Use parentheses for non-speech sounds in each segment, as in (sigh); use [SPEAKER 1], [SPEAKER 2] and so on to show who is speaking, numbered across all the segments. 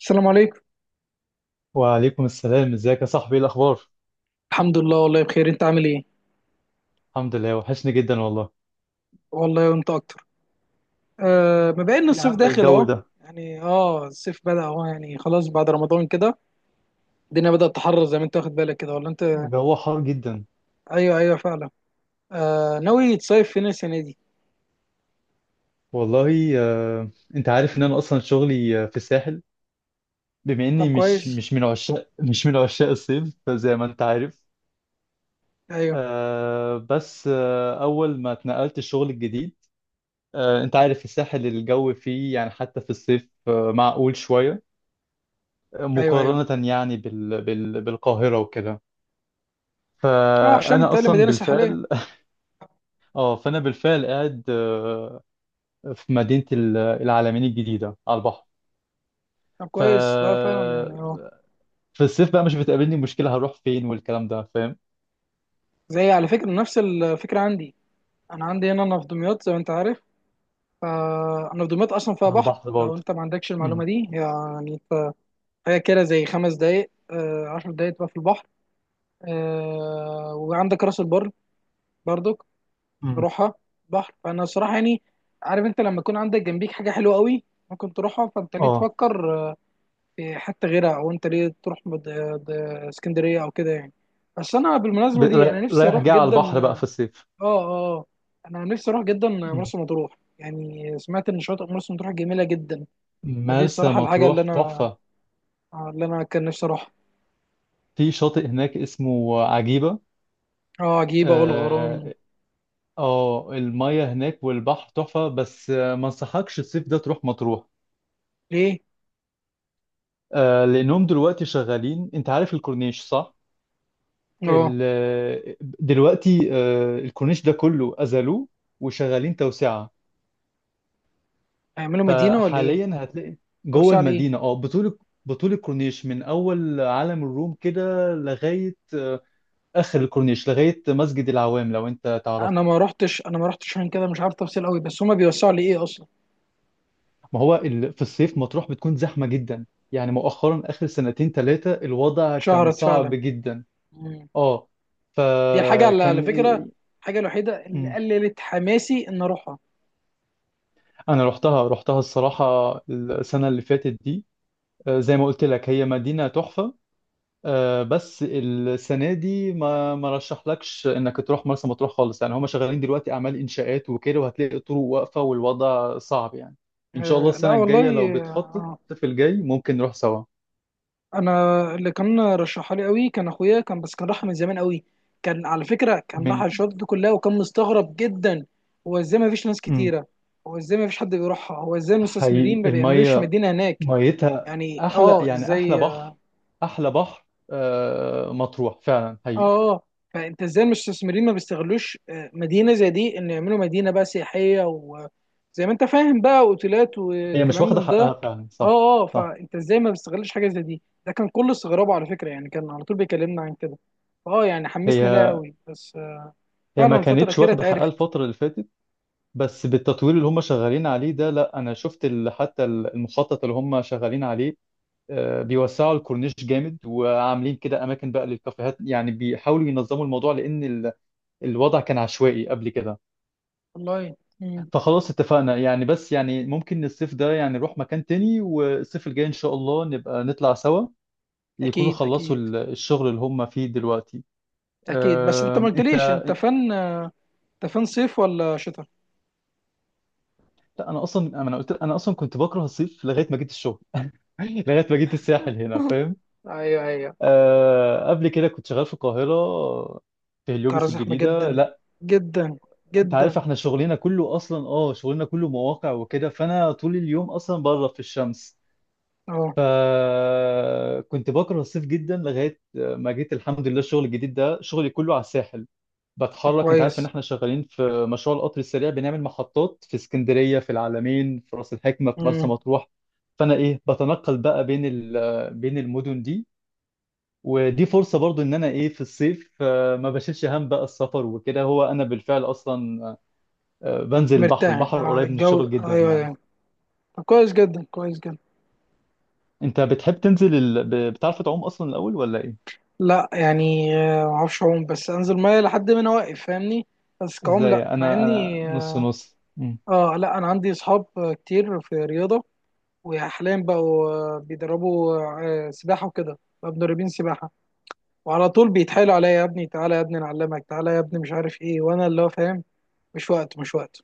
[SPEAKER 1] السلام عليكم.
[SPEAKER 2] وعليكم السلام، ازيك يا صاحبي؟ ايه الاخبار؟
[SPEAKER 1] الحمد لله، والله بخير. انت عامل ايه؟
[SPEAKER 2] الحمد لله، وحشني جدا والله.
[SPEAKER 1] والله وانت اكتر. مبين ان
[SPEAKER 2] ايه يا
[SPEAKER 1] الصيف
[SPEAKER 2] عم
[SPEAKER 1] داخل
[SPEAKER 2] الجو
[SPEAKER 1] اهو.
[SPEAKER 2] ده!
[SPEAKER 1] يعني الصيف بدأ اهو، يعني خلاص بعد رمضان كده. الدنيا بدأت تحرر، زي ما انت واخد بالك كده، ولا انت؟
[SPEAKER 2] الجو حار جدا.
[SPEAKER 1] ايوه، ايوه، فعلا. ناوي تصيف فين السنه دي؟
[SPEAKER 2] والله انت عارف ان انا اصلا شغلي في الساحل. بما
[SPEAKER 1] طب
[SPEAKER 2] اني مش
[SPEAKER 1] كويس.
[SPEAKER 2] مش من عشاق مش من عشاق الصيف زي ما انت عارف.
[SPEAKER 1] ايوه،
[SPEAKER 2] بس اول ما اتنقلت الشغل الجديد. انت عارف الساحل الجو فيه يعني حتى في الصيف معقول شوية،
[SPEAKER 1] ايوه، ايوه.
[SPEAKER 2] مقارنة يعني بالقاهرة وكده.
[SPEAKER 1] اه، عشان
[SPEAKER 2] فأنا
[SPEAKER 1] بتقال
[SPEAKER 2] أصلا
[SPEAKER 1] مدينه ساحليه.
[SPEAKER 2] بالفعل اه فانا بالفعل قاعد في مدينه العلمين الجديده على البحر.
[SPEAKER 1] طب
[SPEAKER 2] ف
[SPEAKER 1] كويس. لا فعلا، يعني اه.
[SPEAKER 2] في الصيف بقى مش بتقابلني مشكله، هروح فين والكلام ده، فاهم.
[SPEAKER 1] زي على فكره، نفس الفكره عندي. انا عندي هنا، انا في دمياط زي ما انت عارف. فانا في دمياط اصلا فيها
[SPEAKER 2] على
[SPEAKER 1] بحر،
[SPEAKER 2] البحر
[SPEAKER 1] لو
[SPEAKER 2] برضه.
[SPEAKER 1] انت ما عندكش
[SPEAKER 2] امم.
[SPEAKER 1] المعلومه دي، يعني انت. حاجة كده زي خمس دقايق، عشر دقايق تبقى في البحر. وعندك راس البر برضك،
[SPEAKER 2] امم.
[SPEAKER 1] نروحها. بحر، فأنا صراحة يعني، عارف أنت، لما يكون عندك جنبيك حاجة حلوة قوي ممكن تروحها، فأنت ليه
[SPEAKER 2] اه
[SPEAKER 1] تفكر في حتة غيرها؟ أو أنت ليه تروح اسكندرية أو كده يعني؟ بس أنا بالمناسبة دي، أنا نفسي
[SPEAKER 2] رايح
[SPEAKER 1] أروح
[SPEAKER 2] جاي على
[SPEAKER 1] جدا
[SPEAKER 2] البحر بقى في الصيف.
[SPEAKER 1] آه آه. أنا نفسي أروح جدا
[SPEAKER 2] امم.
[SPEAKER 1] مرسى مطروح. يعني سمعت إن شاطئ مرسى مطروح جميلة جدا. فدي
[SPEAKER 2] مرسى
[SPEAKER 1] الصراحة الحاجة اللي
[SPEAKER 2] مطروح
[SPEAKER 1] أنا،
[SPEAKER 2] تحفه.
[SPEAKER 1] اللي أنا كان نفسي أروحها.
[SPEAKER 2] في شاطئ هناك اسمه عجيبه.
[SPEAKER 1] اه، عجيبة والغرام.
[SPEAKER 2] اه المية هناك والبحر تحفه، بس ما انصحكش الصيف ده تروح مطروح.
[SPEAKER 1] ليه؟
[SPEAKER 2] لانهم دلوقتي شغالين، انت عارف الكورنيش صح؟
[SPEAKER 1] اه.
[SPEAKER 2] دلوقتي الكورنيش ده كله أزلوه، وشغالين توسعة.
[SPEAKER 1] هيعملوا مدينة ولا ايه؟
[SPEAKER 2] فحاليا هتلاقي جوه
[SPEAKER 1] توسعة
[SPEAKER 2] المدينة
[SPEAKER 1] لإيه؟
[SPEAKER 2] بطول الكورنيش من أول عالم الروم كده لغاية آخر الكورنيش لغاية مسجد العوام لو أنت
[SPEAKER 1] أنا
[SPEAKER 2] تعرفه.
[SPEAKER 1] ما رحتش أنا ما رحتش عشان كده مش عارف تفاصيل قوي، بس هما بيوسعوا لإيه أصلا؟
[SPEAKER 2] ما هو في الصيف مطروح بتكون زحمة جدا، يعني مؤخرا آخر سنتين ثلاثة الوضع كان
[SPEAKER 1] اتشهرت
[SPEAKER 2] صعب
[SPEAKER 1] فعلا.
[SPEAKER 2] جدا.
[SPEAKER 1] مم.
[SPEAKER 2] اه.
[SPEAKER 1] دي الحاجة، على
[SPEAKER 2] فكان
[SPEAKER 1] فكرة، الحاجة الوحيدة اللي
[SPEAKER 2] مم.
[SPEAKER 1] قللت حماسي إن أروحها.
[SPEAKER 2] أنا رحتها الصراحة السنة اللي فاتت دي. زي ما قلت لك هي مدينة تحفة. بس السنة دي ما رشحلكش انك تروح مرسى مطروح خالص، يعني هم شغالين دلوقتي اعمال انشاءات وكده، وهتلاقي الطرق واقفة والوضع صعب يعني. ان شاء الله
[SPEAKER 1] لا
[SPEAKER 2] السنة الجاية لو
[SPEAKER 1] والله
[SPEAKER 2] بتخطط في الجاي ممكن نروح سوا.
[SPEAKER 1] أنا. اللي كان رشحها لي قوي كان أخويا، كان بس كان راحها من زمان قوي. كان على فكرة كان
[SPEAKER 2] من
[SPEAKER 1] راح الشواطئ دي كلها، وكان مستغرب جدا. هو إزاي ما فيش ناس
[SPEAKER 2] مم.
[SPEAKER 1] كتيرة؟ هو إزاي ما فيش حد بيروحها؟ هو إزاي المستثمرين ما
[SPEAKER 2] حقيقي
[SPEAKER 1] بيعملوش
[SPEAKER 2] المية
[SPEAKER 1] مدينة هناك؟
[SPEAKER 2] ميتها
[SPEAKER 1] يعني
[SPEAKER 2] احلى، يعني احلى
[SPEAKER 1] ازاي.
[SPEAKER 2] بحر. احلى بحر مطروح فعلا حقيقي.
[SPEAKER 1] اه اه فانت ازاي المستثمرين ما بيستغلوش مدينه زي دي، ان يعملوا مدينه بقى سياحيه، وزي ما انت فاهم بقى اوتيلات
[SPEAKER 2] هي مش
[SPEAKER 1] والكلام
[SPEAKER 2] واخدة
[SPEAKER 1] من ده.
[SPEAKER 2] حقها فعلا صح.
[SPEAKER 1] اه
[SPEAKER 2] صح.
[SPEAKER 1] فانت ازاي ما بيستغلش حاجه زي دي؟ ده كان كل استغرابه على فكره، يعني كان على طول بيكلمنا عن كده. اه يعني حمسني لها
[SPEAKER 2] هي
[SPEAKER 1] قوي، بس
[SPEAKER 2] هي ما
[SPEAKER 1] فعلا الفتره
[SPEAKER 2] كانتش
[SPEAKER 1] الاخيره
[SPEAKER 2] واخدة حقها
[SPEAKER 1] اتعرفت.
[SPEAKER 2] الفترة اللي فاتت، بس بالتطوير اللي هم شغالين عليه ده. لا انا شفت حتى المخطط اللي هم شغالين عليه. بيوسعوا الكورنيش جامد، وعاملين كده اماكن بقى للكافيهات، يعني بيحاولوا ينظموا الموضوع لان الوضع كان عشوائي قبل كده.
[SPEAKER 1] والله. مم.
[SPEAKER 2] فخلاص اتفقنا يعني، بس يعني ممكن الصيف ده يعني نروح مكان تاني، والصيف الجاي ان شاء الله نبقى نطلع سوا، يكونوا
[SPEAKER 1] اكيد
[SPEAKER 2] خلصوا
[SPEAKER 1] اكيد
[SPEAKER 2] الشغل اللي هم فيه دلوقتي.
[SPEAKER 1] اكيد. بس انت ما قلتليش،
[SPEAKER 2] انت.
[SPEAKER 1] انت فن، انت فن صيف ولا شتاء؟
[SPEAKER 2] لا، انا اصلا انا قلت انا اصلا كنت بكره الصيف لغايه ما جيت الشغل (laughs) لغايه ما جيت الساحل هنا،
[SPEAKER 1] (laughs)
[SPEAKER 2] فاهم.
[SPEAKER 1] ايوه، ايوه.
[SPEAKER 2] قبل كده كنت شغال في القاهرة في
[SPEAKER 1] القاهره
[SPEAKER 2] هليوبس
[SPEAKER 1] زحمه
[SPEAKER 2] الجديدة.
[SPEAKER 1] جدا
[SPEAKER 2] لا،
[SPEAKER 1] جدا
[SPEAKER 2] انت
[SPEAKER 1] جدا.
[SPEAKER 2] عارف احنا شغلنا كله مواقع وكده، فانا طول اليوم اصلا بره في الشمس.
[SPEAKER 1] اه.
[SPEAKER 2] فكنت بكره الصيف جدا لغاية ما جيت، الحمد لله، الشغل الجديد ده شغلي كله على الساحل.
[SPEAKER 1] طب
[SPEAKER 2] بتحرك، انت عارف ان
[SPEAKER 1] كويس.
[SPEAKER 2] احنا شغالين في مشروع القطر السريع، بنعمل محطات في اسكندرية، في العلمين، في راس الحكمة، في مرسى
[SPEAKER 1] مم.
[SPEAKER 2] مطروح. فانا ايه بتنقل بقى بين المدن دي. ودي فرصة برضو ان انا ايه في الصيف، ما بشيلش هم بقى السفر وكده، هو انا بالفعل اصلا بنزل البحر،
[SPEAKER 1] مرتاح،
[SPEAKER 2] البحر
[SPEAKER 1] اه
[SPEAKER 2] قريب من
[SPEAKER 1] الجو.
[SPEAKER 2] الشغل جدا
[SPEAKER 1] ايوه،
[SPEAKER 2] يعني.
[SPEAKER 1] ايوه. طب كويس جدا، كويس جدا.
[SPEAKER 2] انت بتحب تنزل بتعرف تعوم اصلا الاول، ولا ايه؟
[SPEAKER 1] لا يعني، ما اعرفش اعوم، بس انزل ميه لحد ما انا واقف، فاهمني. بس كعوم
[SPEAKER 2] ازاي،
[SPEAKER 1] لا، مع
[SPEAKER 2] انا
[SPEAKER 1] اني
[SPEAKER 2] نص
[SPEAKER 1] اه.
[SPEAKER 2] نص. مم.
[SPEAKER 1] لا انا عندي اصحاب كتير في رياضه، وحاليا بقوا بيدربوا سباحه وكده، بقوا مدربين سباحه. وعلى طول بيتحايلوا عليا: يا ابني تعالى، يا ابني نعلمك، تعالى يا ابني، مش عارف ايه، وانا اللي هو فاهم. مش وقت، مش وقت.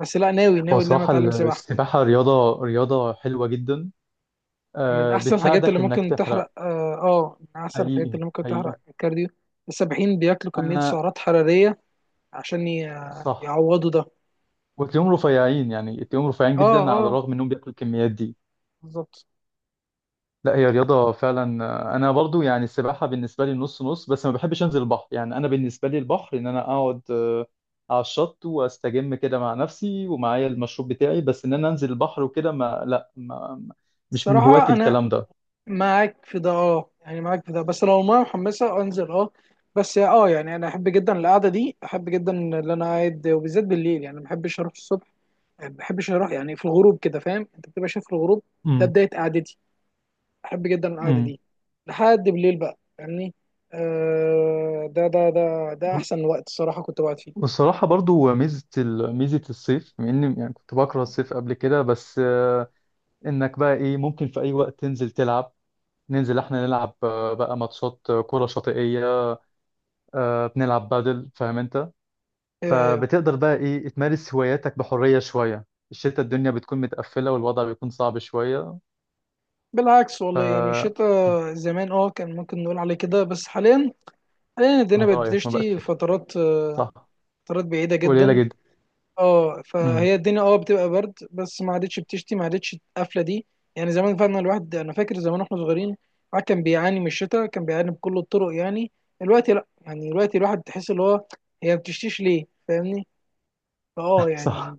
[SPEAKER 1] بس لا، ناوي
[SPEAKER 2] هو
[SPEAKER 1] ناوي ان انا
[SPEAKER 2] صراحة
[SPEAKER 1] اتعلم سباحه.
[SPEAKER 2] السباحة رياضة حلوة جدا،
[SPEAKER 1] من احسن الحاجات اللي
[SPEAKER 2] بتساعدك انك
[SPEAKER 1] ممكن
[SPEAKER 2] تحرق.
[SPEAKER 1] تحرق، اه. من احسن الحاجات
[SPEAKER 2] حقيقي.
[SPEAKER 1] اللي ممكن
[SPEAKER 2] حقيقي.
[SPEAKER 1] تحرق الكارديو. السباحين بياكلوا كمية
[SPEAKER 2] انا،
[SPEAKER 1] سعرات حرارية عشان
[SPEAKER 2] صح.
[SPEAKER 1] يعوضوا ده.
[SPEAKER 2] وتلاقيهم رفيعين، يعني تلاقيهم رفيعين
[SPEAKER 1] اه،
[SPEAKER 2] جدا على
[SPEAKER 1] اه،
[SPEAKER 2] الرغم انهم بياكلوا الكميات دي.
[SPEAKER 1] بالظبط.
[SPEAKER 2] لا، هي رياضة فعلا، أنا برضو يعني السباحة بالنسبة لي نص نص، بس ما بحبش أنزل البحر، يعني أنا بالنسبة لي البحر إن أنا أقعد على الشط وأستجم كده مع نفسي ومعايا المشروب بتاعي، بس إن أنا أنزل البحر وكده ما لا ما ما- مش من هواة
[SPEAKER 1] الصراحة انا
[SPEAKER 2] الكلام ده.
[SPEAKER 1] معاك في ده. اه يعني، معاك في ده، بس لو المية محمسة انزل، اه. بس يعني انا احب جدا القعدة دي، احب جدا اللي انا قاعد وبالذات بالليل. يعني ما بحبش اروح الصبح، ما بحبش اروح، يعني في الغروب كده، فاهم، انت بتبقى شايف الغروب، ده
[SPEAKER 2] امم.
[SPEAKER 1] بداية قعدتي. بحب جدا القعده
[SPEAKER 2] امم.
[SPEAKER 1] دي لحد بالليل بقى، فاهمني. ده
[SPEAKER 2] وال-
[SPEAKER 1] احسن وقت الصراحه كنت بقعد فيه.
[SPEAKER 2] والصراحة برضو ميزة الصيف، بما إني يعني كنت بكره الصيف قبل كده، بس إنك بقى إيه ممكن في أي وقت تنزل تلعب، ننزل إحنا نلعب بقى ماتشات كرة شاطئية، بنلعب بادل، فاهم أنت.
[SPEAKER 1] ايوه، ايوه.
[SPEAKER 2] فبتقدر بقى ايه تمارس هواياتك بحرية شوية، الشتاء الدنيا بتكون متقفلة والوضع بيكون صعب شوية.
[SPEAKER 1] بالعكس
[SPEAKER 2] ف
[SPEAKER 1] والله، يعني الشتاء زمان كان ممكن نقول عليه كده، بس حاليا، حاليا الدنيا بقت
[SPEAKER 2] رأيك ما بقاش
[SPEAKER 1] بتشتي
[SPEAKER 2] شتاء،
[SPEAKER 1] فترات
[SPEAKER 2] صح.
[SPEAKER 1] فترات بعيده
[SPEAKER 2] قليلة
[SPEAKER 1] جدا.
[SPEAKER 2] جدا.
[SPEAKER 1] اه،
[SPEAKER 2] امم.
[SPEAKER 1] فهي الدنيا بتبقى برد، بس ما عادتش بتشتي، ما عادتش القفله دي. يعني زمان فعلا الواحد، انا فاكر زمان واحنا صغيرين الواحد كان بيعاني من الشتاء، كان بيعاني بكل الطرق يعني. دلوقتي لا، يعني دلوقتي الواحد تحس اللي هو، هي ما بتشتيش ليه، فاهمني. اه
[SPEAKER 2] (laughs)
[SPEAKER 1] يعني،
[SPEAKER 2] صح.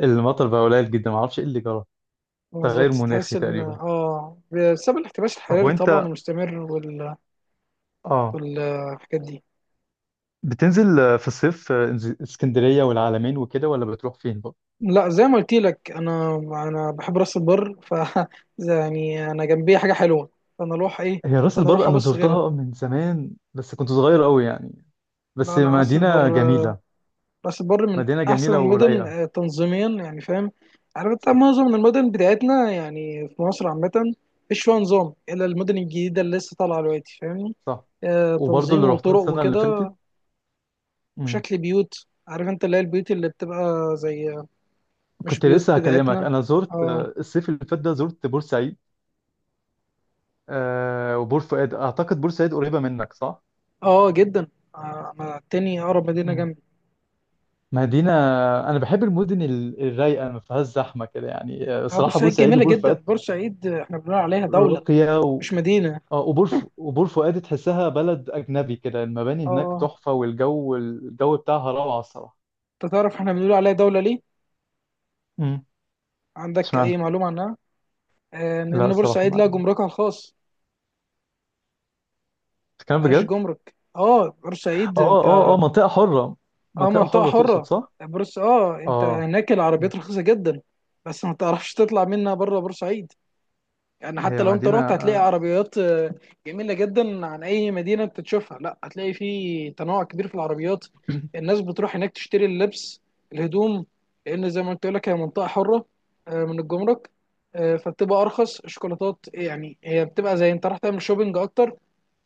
[SPEAKER 2] المطر بقى قليل جدا، ما اعرفش ايه اللي جرى. تغير
[SPEAKER 1] بالظبط، تحس
[SPEAKER 2] مناخي
[SPEAKER 1] ان
[SPEAKER 2] تقريبا.
[SPEAKER 1] بسبب الاحتباس
[SPEAKER 2] طب
[SPEAKER 1] الحراري طبعا
[SPEAKER 2] وانت
[SPEAKER 1] المستمر
[SPEAKER 2] اه
[SPEAKER 1] والحاجات دي.
[SPEAKER 2] بتنزل في الصيف اسكندرية والعلمين وكده، ولا بتروح فين بقى؟
[SPEAKER 1] لا زي ما قلت لك، انا بحب راس البر، ف (laughs) يعني انا جنبي حاجه حلوه، فانا اروح ايه،
[SPEAKER 2] هي راس
[SPEAKER 1] فانا
[SPEAKER 2] البر
[SPEAKER 1] اروح
[SPEAKER 2] انا
[SPEAKER 1] ابص غيرها.
[SPEAKER 2] زرتها من زمان، بس كنت صغير قوي يعني، بس
[SPEAKER 1] لا لا، راس البر.
[SPEAKER 2] مدينة جميلة.
[SPEAKER 1] راس البر من
[SPEAKER 2] مدينة
[SPEAKER 1] احسن
[SPEAKER 2] جميلة
[SPEAKER 1] المدن
[SPEAKER 2] ورايقة.
[SPEAKER 1] تنظيميا، يعني فاهم، عارف انت،
[SPEAKER 2] صح،
[SPEAKER 1] معظم المدن بتاعتنا يعني في مصر عامه مفيش فيها نظام الا المدن الجديده اللي لسه طالعه دلوقتي، فاهمني،
[SPEAKER 2] صح. وبرضه
[SPEAKER 1] تنظيم
[SPEAKER 2] اللي رحتها
[SPEAKER 1] وطرق
[SPEAKER 2] السنة اللي
[SPEAKER 1] وكده
[SPEAKER 2] فاتت. مم.
[SPEAKER 1] وشكل بيوت. عارف انت اللي هي البيوت اللي بتبقى زي، مش
[SPEAKER 2] كنت
[SPEAKER 1] بيوت
[SPEAKER 2] لسه هكلمك،
[SPEAKER 1] بتاعتنا.
[SPEAKER 2] أنا زرت
[SPEAKER 1] اه،
[SPEAKER 2] الصيف اللي فات ده زرت بورسعيد وبور فؤاد. أعتقد بورسعيد قريبة منك صح؟
[SPEAKER 1] اه جدا. انا التاني اقرب مدينه
[SPEAKER 2] مم.
[SPEAKER 1] جنبي.
[SPEAKER 2] مدينة، أنا بحب المدن الرايقة ما فيهاش زحمة كده يعني،
[SPEAKER 1] اه،
[SPEAKER 2] صراحة
[SPEAKER 1] بورسعيد
[SPEAKER 2] بورسعيد
[SPEAKER 1] جميله
[SPEAKER 2] وبور
[SPEAKER 1] جدا.
[SPEAKER 2] فؤاد
[SPEAKER 1] بورسعيد احنا بنقول عليها دوله،
[SPEAKER 2] راقية و...
[SPEAKER 1] مش مدينه.
[SPEAKER 2] وبور فؤاد تحسها بلد أجنبي كده، المباني هناك
[SPEAKER 1] اه،
[SPEAKER 2] تحفة، والجو بتاعها روعة الصراحة.
[SPEAKER 1] انت تعرف احنا بنقول عليها دوله ليه؟
[SPEAKER 2] مم.
[SPEAKER 1] عندك
[SPEAKER 2] اشمعنى؟
[SPEAKER 1] اي معلومه عنها؟
[SPEAKER 2] لا
[SPEAKER 1] لان
[SPEAKER 2] الصراحة
[SPEAKER 1] بورسعيد لها
[SPEAKER 2] ما.
[SPEAKER 1] جمركها الخاص،
[SPEAKER 2] بتتكلم
[SPEAKER 1] ملهاش
[SPEAKER 2] بجد؟
[SPEAKER 1] جمرك، اه بورسعيد
[SPEAKER 2] اه، اه، اه، اه،
[SPEAKER 1] انت،
[SPEAKER 2] منطقة حرة.
[SPEAKER 1] اه
[SPEAKER 2] منطقة
[SPEAKER 1] منطقه
[SPEAKER 2] حرة تقصد
[SPEAKER 1] حره.
[SPEAKER 2] صح؟
[SPEAKER 1] بورس اه انت
[SPEAKER 2] اه،
[SPEAKER 1] هناك العربيات رخيصه جدا، بس ما تعرفش تطلع منها بره بورسعيد. يعني حتى
[SPEAKER 2] هي
[SPEAKER 1] لو انت
[SPEAKER 2] مدينة
[SPEAKER 1] رحت هتلاقي عربيات جميلة جدا عن اي مدينة انت تشوفها. لا، هتلاقي في تنوع كبير في العربيات.
[SPEAKER 2] (clears throat)
[SPEAKER 1] الناس بتروح هناك تشتري اللبس، الهدوم، لان زي ما قلت لك هي منطقة حرة من الجمرك. فبتبقى ارخص الشوكولاتات، يعني هي بتبقى زي انت راح تعمل شوبينج اكتر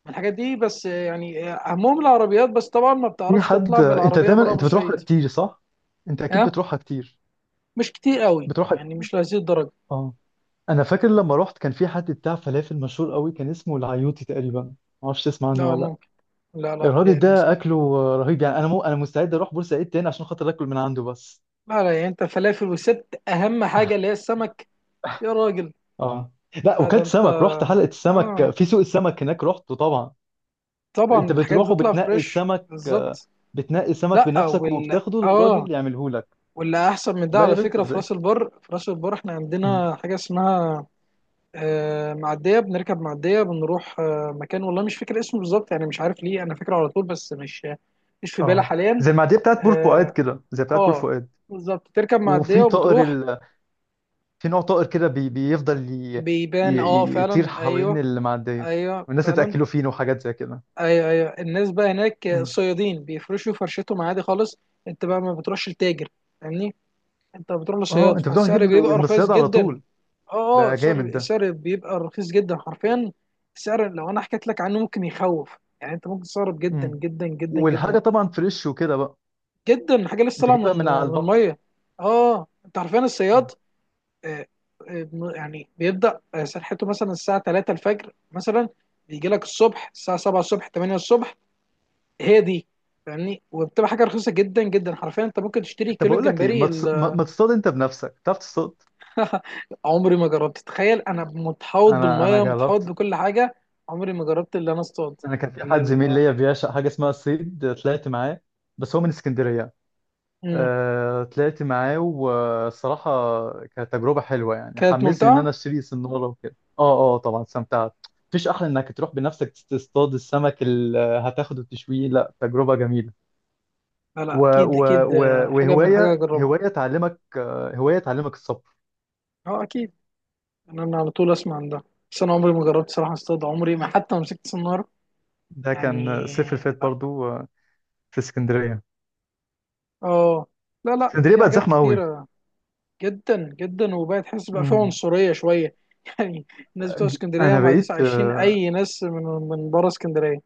[SPEAKER 1] من الحاجات دي، بس يعني اهمهم العربيات، بس طبعا ما
[SPEAKER 2] في
[SPEAKER 1] بتعرفش
[SPEAKER 2] حد.
[SPEAKER 1] تطلع
[SPEAKER 2] انت
[SPEAKER 1] بالعربية
[SPEAKER 2] دايما
[SPEAKER 1] بره
[SPEAKER 2] انت بتروحها
[SPEAKER 1] بورسعيد.
[SPEAKER 2] كتير صح؟ انت اكيد
[SPEAKER 1] ها،
[SPEAKER 2] بتروحها كتير،
[SPEAKER 1] مش كتير قوي
[SPEAKER 2] بتروحها.
[SPEAKER 1] يعني، مش لهذه الدرجة.
[SPEAKER 2] اه. انا فاكر لما رحت كان في حد بتاع فلافل مشهور قوي، كان اسمه العيوطي تقريبا، ما اعرفش تسمع عنه
[SPEAKER 1] لا
[SPEAKER 2] ولا لا.
[SPEAKER 1] ممكن، لا لا
[SPEAKER 2] الراجل
[SPEAKER 1] بتهيألي ما
[SPEAKER 2] ده اكله
[SPEAKER 1] اسمعش.
[SPEAKER 2] رهيب يعني، انا مستعد اروح بورسعيد تاني عشان خاطر اكل من عنده بس.
[SPEAKER 1] لا لا، يعني انت فلافل وست، اهم حاجه اللي هي السمك، يا راجل.
[SPEAKER 2] اه، لا
[SPEAKER 1] لا ده
[SPEAKER 2] وكلت
[SPEAKER 1] انت،
[SPEAKER 2] سمك، رحت حلقة السمك
[SPEAKER 1] اه،
[SPEAKER 2] في سوق السمك هناك. رحت طبعا. انت
[SPEAKER 1] طبعا الحاجات
[SPEAKER 2] بتروح
[SPEAKER 1] بتطلع
[SPEAKER 2] وبتنقي
[SPEAKER 1] فريش
[SPEAKER 2] السمك
[SPEAKER 1] بالظبط.
[SPEAKER 2] بتنقي السمك
[SPEAKER 1] لا
[SPEAKER 2] بنفسك وبتاخده للراجل يعمله لك.
[SPEAKER 1] واللي احسن من ده
[SPEAKER 2] لا يا
[SPEAKER 1] على
[SPEAKER 2] باشا
[SPEAKER 1] فكره، في
[SPEAKER 2] ازاي!
[SPEAKER 1] راس البر، احنا
[SPEAKER 2] مم.
[SPEAKER 1] عندنا حاجه اسمها معديه، بنركب معديه بنروح مكان، والله مش فاكر اسمه بالظبط، يعني مش عارف ليه انا فاكره على طول، بس مش، مش في بالي
[SPEAKER 2] اه،
[SPEAKER 1] حاليا.
[SPEAKER 2] زي المعديه بتاعت بور فؤاد
[SPEAKER 1] اه،
[SPEAKER 2] كده، زي بتاعت بور
[SPEAKER 1] آه،
[SPEAKER 2] فؤاد.
[SPEAKER 1] بالظبط، تركب معديه
[SPEAKER 2] وفي طائر
[SPEAKER 1] وبتروح.
[SPEAKER 2] في نوع طائر كده بيفضل
[SPEAKER 1] بيبان، اه
[SPEAKER 2] يطير
[SPEAKER 1] فعلا.
[SPEAKER 2] حوالين
[SPEAKER 1] ايوه،
[SPEAKER 2] المعدية.
[SPEAKER 1] ايوه
[SPEAKER 2] والناس
[SPEAKER 1] فعلا.
[SPEAKER 2] بتاكله فين وحاجات زي كده.
[SPEAKER 1] ايوه، ايوه. الناس بقى هناك
[SPEAKER 2] مم.
[SPEAKER 1] صيادين بيفرشوا فرشتهم عادي خالص. انت بقى ما بتروحش لتاجر، فاهمني، انت بتروح
[SPEAKER 2] اه،
[SPEAKER 1] لصياد،
[SPEAKER 2] انت بتروح تجيب
[SPEAKER 1] فالسعر بيبقى
[SPEAKER 2] من
[SPEAKER 1] رخيص
[SPEAKER 2] الصيادة على
[SPEAKER 1] جدا.
[SPEAKER 2] طول.
[SPEAKER 1] اه، اه.
[SPEAKER 2] ده
[SPEAKER 1] السعر
[SPEAKER 2] جامد ده.
[SPEAKER 1] السعر بيبقى رخيص جدا حرفيا. السعر لو انا حكيت لك عنه ممكن يخوف، يعني انت ممكن تستغرب جدا
[SPEAKER 2] مم.
[SPEAKER 1] جدا جدا جدا
[SPEAKER 2] والحاجة طبعا فريش وكده بقى،
[SPEAKER 1] جدا. حاجه لسه
[SPEAKER 2] انت
[SPEAKER 1] طالعه
[SPEAKER 2] جايبها
[SPEAKER 1] من
[SPEAKER 2] من على
[SPEAKER 1] من
[SPEAKER 2] البحر.
[SPEAKER 1] الميه. اه، انت حرفيا
[SPEAKER 2] مم.
[SPEAKER 1] الصياد آه، آه، يعني بيبدا سرحته مثلا الساعه 3 الفجر مثلا، بيجي لك الصبح الساعه 7 الصبح، 8 الصبح. هي دي، فاهمني، وبتبقى حاجه رخيصه جدا جدا حرفيا، انت ممكن تشتري
[SPEAKER 2] طب
[SPEAKER 1] كيلو
[SPEAKER 2] بقول لك ايه،
[SPEAKER 1] الجمبري
[SPEAKER 2] ما, تص... ما... ما تصطاد انت بنفسك، تعرف تصطاد؟
[SPEAKER 1] (laughs) عمري ما جربت، تخيل انا متحوط
[SPEAKER 2] انا
[SPEAKER 1] بالميه، متحوط
[SPEAKER 2] جربت.
[SPEAKER 1] بكل حاجه. عمري ما جربت اللي انا اصطاد
[SPEAKER 2] انا كان في
[SPEAKER 1] اللي
[SPEAKER 2] حد زميل
[SPEAKER 1] ال-
[SPEAKER 2] ليا بيعشق حاجه اسمها الصيد، طلعت معاه، بس هو من اسكندريه.
[SPEAKER 1] مم.
[SPEAKER 2] طلعت معاه والصراحه كانت تجربه حلوه يعني،
[SPEAKER 1] كانت
[SPEAKER 2] حمسني ان انا
[SPEAKER 1] ممتعه.
[SPEAKER 2] اشتري سناره وكده. اه، اه، طبعا استمتعت. مفيش احلى انك تروح بنفسك تصطاد السمك اللي هتاخده وتشويه. لا، تجربه جميله.
[SPEAKER 1] لا
[SPEAKER 2] و
[SPEAKER 1] لا، اكيد
[SPEAKER 2] و
[SPEAKER 1] اكيد،
[SPEAKER 2] و
[SPEAKER 1] حاجه من حاجه
[SPEAKER 2] وهوايه
[SPEAKER 1] اجربها.
[SPEAKER 2] هوايه تعلمك هوايه تعلمك الصبر.
[SPEAKER 1] اه، اكيد، انا على طول اسمع عن ده، بس انا عمري ما جربت صراحه اصطاد، عمري ما حتى مسكت صناره
[SPEAKER 2] ده
[SPEAKER 1] يعني.
[SPEAKER 2] كان الصيف اللي فات
[SPEAKER 1] لا،
[SPEAKER 2] برضو في اسكندريه.
[SPEAKER 1] اه. لا لا،
[SPEAKER 2] اسكندريه
[SPEAKER 1] في
[SPEAKER 2] بقت
[SPEAKER 1] حاجات
[SPEAKER 2] زحمه قوي.
[SPEAKER 1] كتير. جدا جدا، وبقى تحس بقى فيه
[SPEAKER 2] مم.
[SPEAKER 1] عنصريه شويه (laughs) يعني، الناس بتوع اسكندريه
[SPEAKER 2] انا
[SPEAKER 1] ما عادش
[SPEAKER 2] بقيت.
[SPEAKER 1] عايشين اي ناس من بره اسكندريه.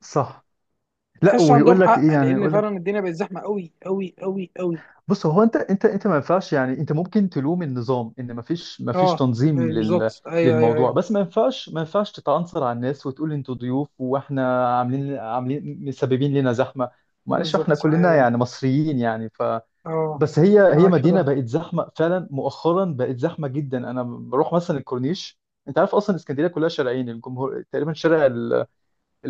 [SPEAKER 2] صح. لا،
[SPEAKER 1] تحس
[SPEAKER 2] ويقول
[SPEAKER 1] عندهم
[SPEAKER 2] لك ايه
[SPEAKER 1] حق،
[SPEAKER 2] يعني،
[SPEAKER 1] لان
[SPEAKER 2] يقول لك.
[SPEAKER 1] فعلا الدنيا بقت زحمه قوي قوي قوي قوي.
[SPEAKER 2] بص، هو انت ما ينفعش يعني، انت ممكن تلوم النظام ان ما فيش
[SPEAKER 1] اه،
[SPEAKER 2] تنظيم
[SPEAKER 1] أيوة بالظبط، ايوه، ايوه،
[SPEAKER 2] للموضوع،
[SPEAKER 1] ايوه.
[SPEAKER 2] بس ما ينفعش تتعنصر على الناس وتقول انتوا ضيوف، واحنا عاملين مسببين لنا زحمه. معلش، احنا
[SPEAKER 1] بالظبط، ايوه،
[SPEAKER 2] كلنا
[SPEAKER 1] ايوه.
[SPEAKER 2] يعني مصريين يعني.
[SPEAKER 1] اه،
[SPEAKER 2] بس هي
[SPEAKER 1] معاك في
[SPEAKER 2] مدينه
[SPEAKER 1] ده.
[SPEAKER 2] بقت زحمه فعلا، مؤخرا بقت زحمه جدا. انا بروح مثلا الكورنيش، انت عارف اصلا اسكندريه كلها شارعين، الجمهور تقريبا، شارع اللي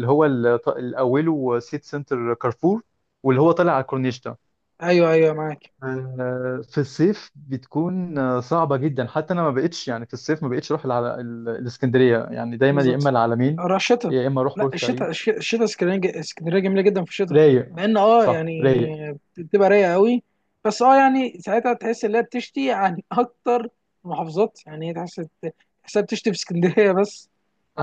[SPEAKER 2] هو ال- اللي اوله سيتي سنتر كارفور، واللي هو طالع على كورنيشتا.
[SPEAKER 1] ايوه، ايوه معاك.
[SPEAKER 2] في الصيف بتكون صعبة جدا، حتى انا ما بقتش يعني في الصيف ما بقتش اروح الاسكندرية، يعني دايما يا اما
[SPEAKER 1] بالظبط،
[SPEAKER 2] العلمين
[SPEAKER 1] اروح الشتاء.
[SPEAKER 2] يا اما اروح
[SPEAKER 1] لا
[SPEAKER 2] بورسعيد.
[SPEAKER 1] الشتاء، الشتاء اسكندريه، اسكندريه جميله جدا في الشتاء.
[SPEAKER 2] رايق.
[SPEAKER 1] مع ان
[SPEAKER 2] صح رايق.
[SPEAKER 1] يعني بتبقى رايقه قوي، بس يعني ساعتها تحس ان هي بتشتي عن (laughs) اكتر المحافظات. يعني هي تحس، تحسها بتشتي في اسكندريه (laughs) بس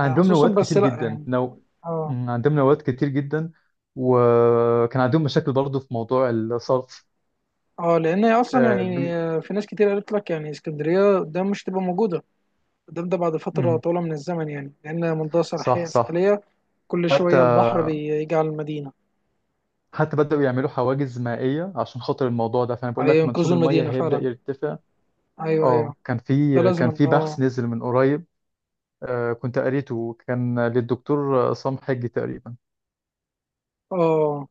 [SPEAKER 1] خصوصا،
[SPEAKER 2] نوادي
[SPEAKER 1] بس
[SPEAKER 2] كتير
[SPEAKER 1] لا
[SPEAKER 2] جدا.
[SPEAKER 1] يعني. اه،
[SPEAKER 2] مم، عندهم نوادي كتير جدا. وكان عندهم مشاكل برضو في موضوع الصرف.
[SPEAKER 1] اه، لان هي اصلا
[SPEAKER 2] آه،
[SPEAKER 1] يعني
[SPEAKER 2] بي...
[SPEAKER 1] في ناس كتير قالت لك يعني اسكندريه ده مش تبقى موجوده، ده بعد فتره
[SPEAKER 2] مم،
[SPEAKER 1] طويله من الزمن، يعني لان منطقه
[SPEAKER 2] صح.
[SPEAKER 1] ساحليه،
[SPEAKER 2] صح.
[SPEAKER 1] ساحليه، كل
[SPEAKER 2] حتى
[SPEAKER 1] شويه البحر بيجي على المدينه.
[SPEAKER 2] حتى بدأوا يعملوا حواجز مائية عشان خاطر الموضوع ده، فأنا بقول لك منسوب
[SPEAKER 1] هينقذوا
[SPEAKER 2] المية
[SPEAKER 1] المدينه
[SPEAKER 2] هيبدأ
[SPEAKER 1] فعلا.
[SPEAKER 2] يرتفع.
[SPEAKER 1] ايوه،
[SPEAKER 2] اه،
[SPEAKER 1] ايوه،
[SPEAKER 2] كان
[SPEAKER 1] ده
[SPEAKER 2] في
[SPEAKER 1] لازم،
[SPEAKER 2] كان في بحث
[SPEAKER 1] اه،
[SPEAKER 2] نزل من قريب، كنت قريته، كان للدكتور عصام حجي تقريبا.
[SPEAKER 1] اه.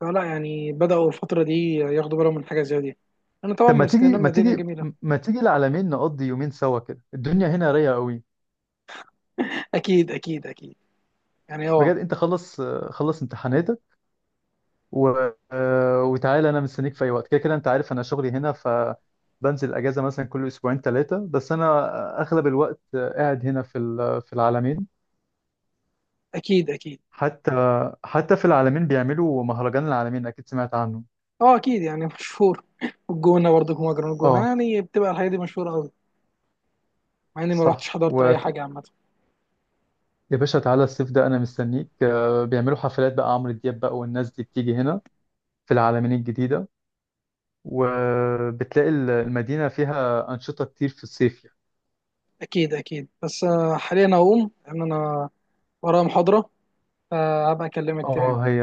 [SPEAKER 1] فلا يعني بدأوا الفترة دي ياخدوا بالهم من حاجة زي دي. انا طبعا
[SPEAKER 2] طب
[SPEAKER 1] من
[SPEAKER 2] ما تيجي
[SPEAKER 1] اسكندريه،
[SPEAKER 2] ما
[SPEAKER 1] مدينة
[SPEAKER 2] تيجي
[SPEAKER 1] جميلة.
[SPEAKER 2] ما تيجي العلمين نقضي يومين سوا كده، الدنيا هنا رايقة قوي.
[SPEAKER 1] اكيد اكيد اكيد، يعني
[SPEAKER 2] بجد، انت خلص خلص امتحاناتك و... آه، وتعالى، انا مستنيك في اي وقت، كده انت عارف انا شغلي هنا، فبنزل اجازة مثلا كل اسبوعين ثلاثة، بس انا اغلب الوقت قاعد هنا في العلمين.
[SPEAKER 1] اكيد اكيد.
[SPEAKER 2] حتى حتى في العالمين بيعملوا مهرجان العالمين، اكيد سمعت عنه.
[SPEAKER 1] اه اكيد، يعني (laughs) مشهور، والجونة برضه جمهور جرون الجونة.
[SPEAKER 2] اه،
[SPEAKER 1] يعني بتبقى الحاجة دي مشهورة قوي، مع اني ما رحتش
[SPEAKER 2] صح.
[SPEAKER 1] حضرت
[SPEAKER 2] ويا
[SPEAKER 1] اي حاجة عامة.
[SPEAKER 2] باشا تعالى الصيف ده، انا مستنيك، بيعملوا حفلات بقى، عمرو دياب بقى والناس دي بتيجي هنا في العالمين الجديدة. وبتلاقي المدينة فيها أنشطة كتير في الصيف يعني.
[SPEAKER 1] اكيد اكيد، بس حاليا اقوم لان انا ورايا محاضرة، فهبقى اكلمك تاني.
[SPEAKER 2] اه، هي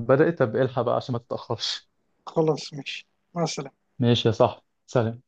[SPEAKER 2] بدأت. طب الحق بقى عشان ما تتأخرش.
[SPEAKER 1] خلاص ماشي. مع السلامة.
[SPEAKER 2] ماشي يا صاحبي، سلام.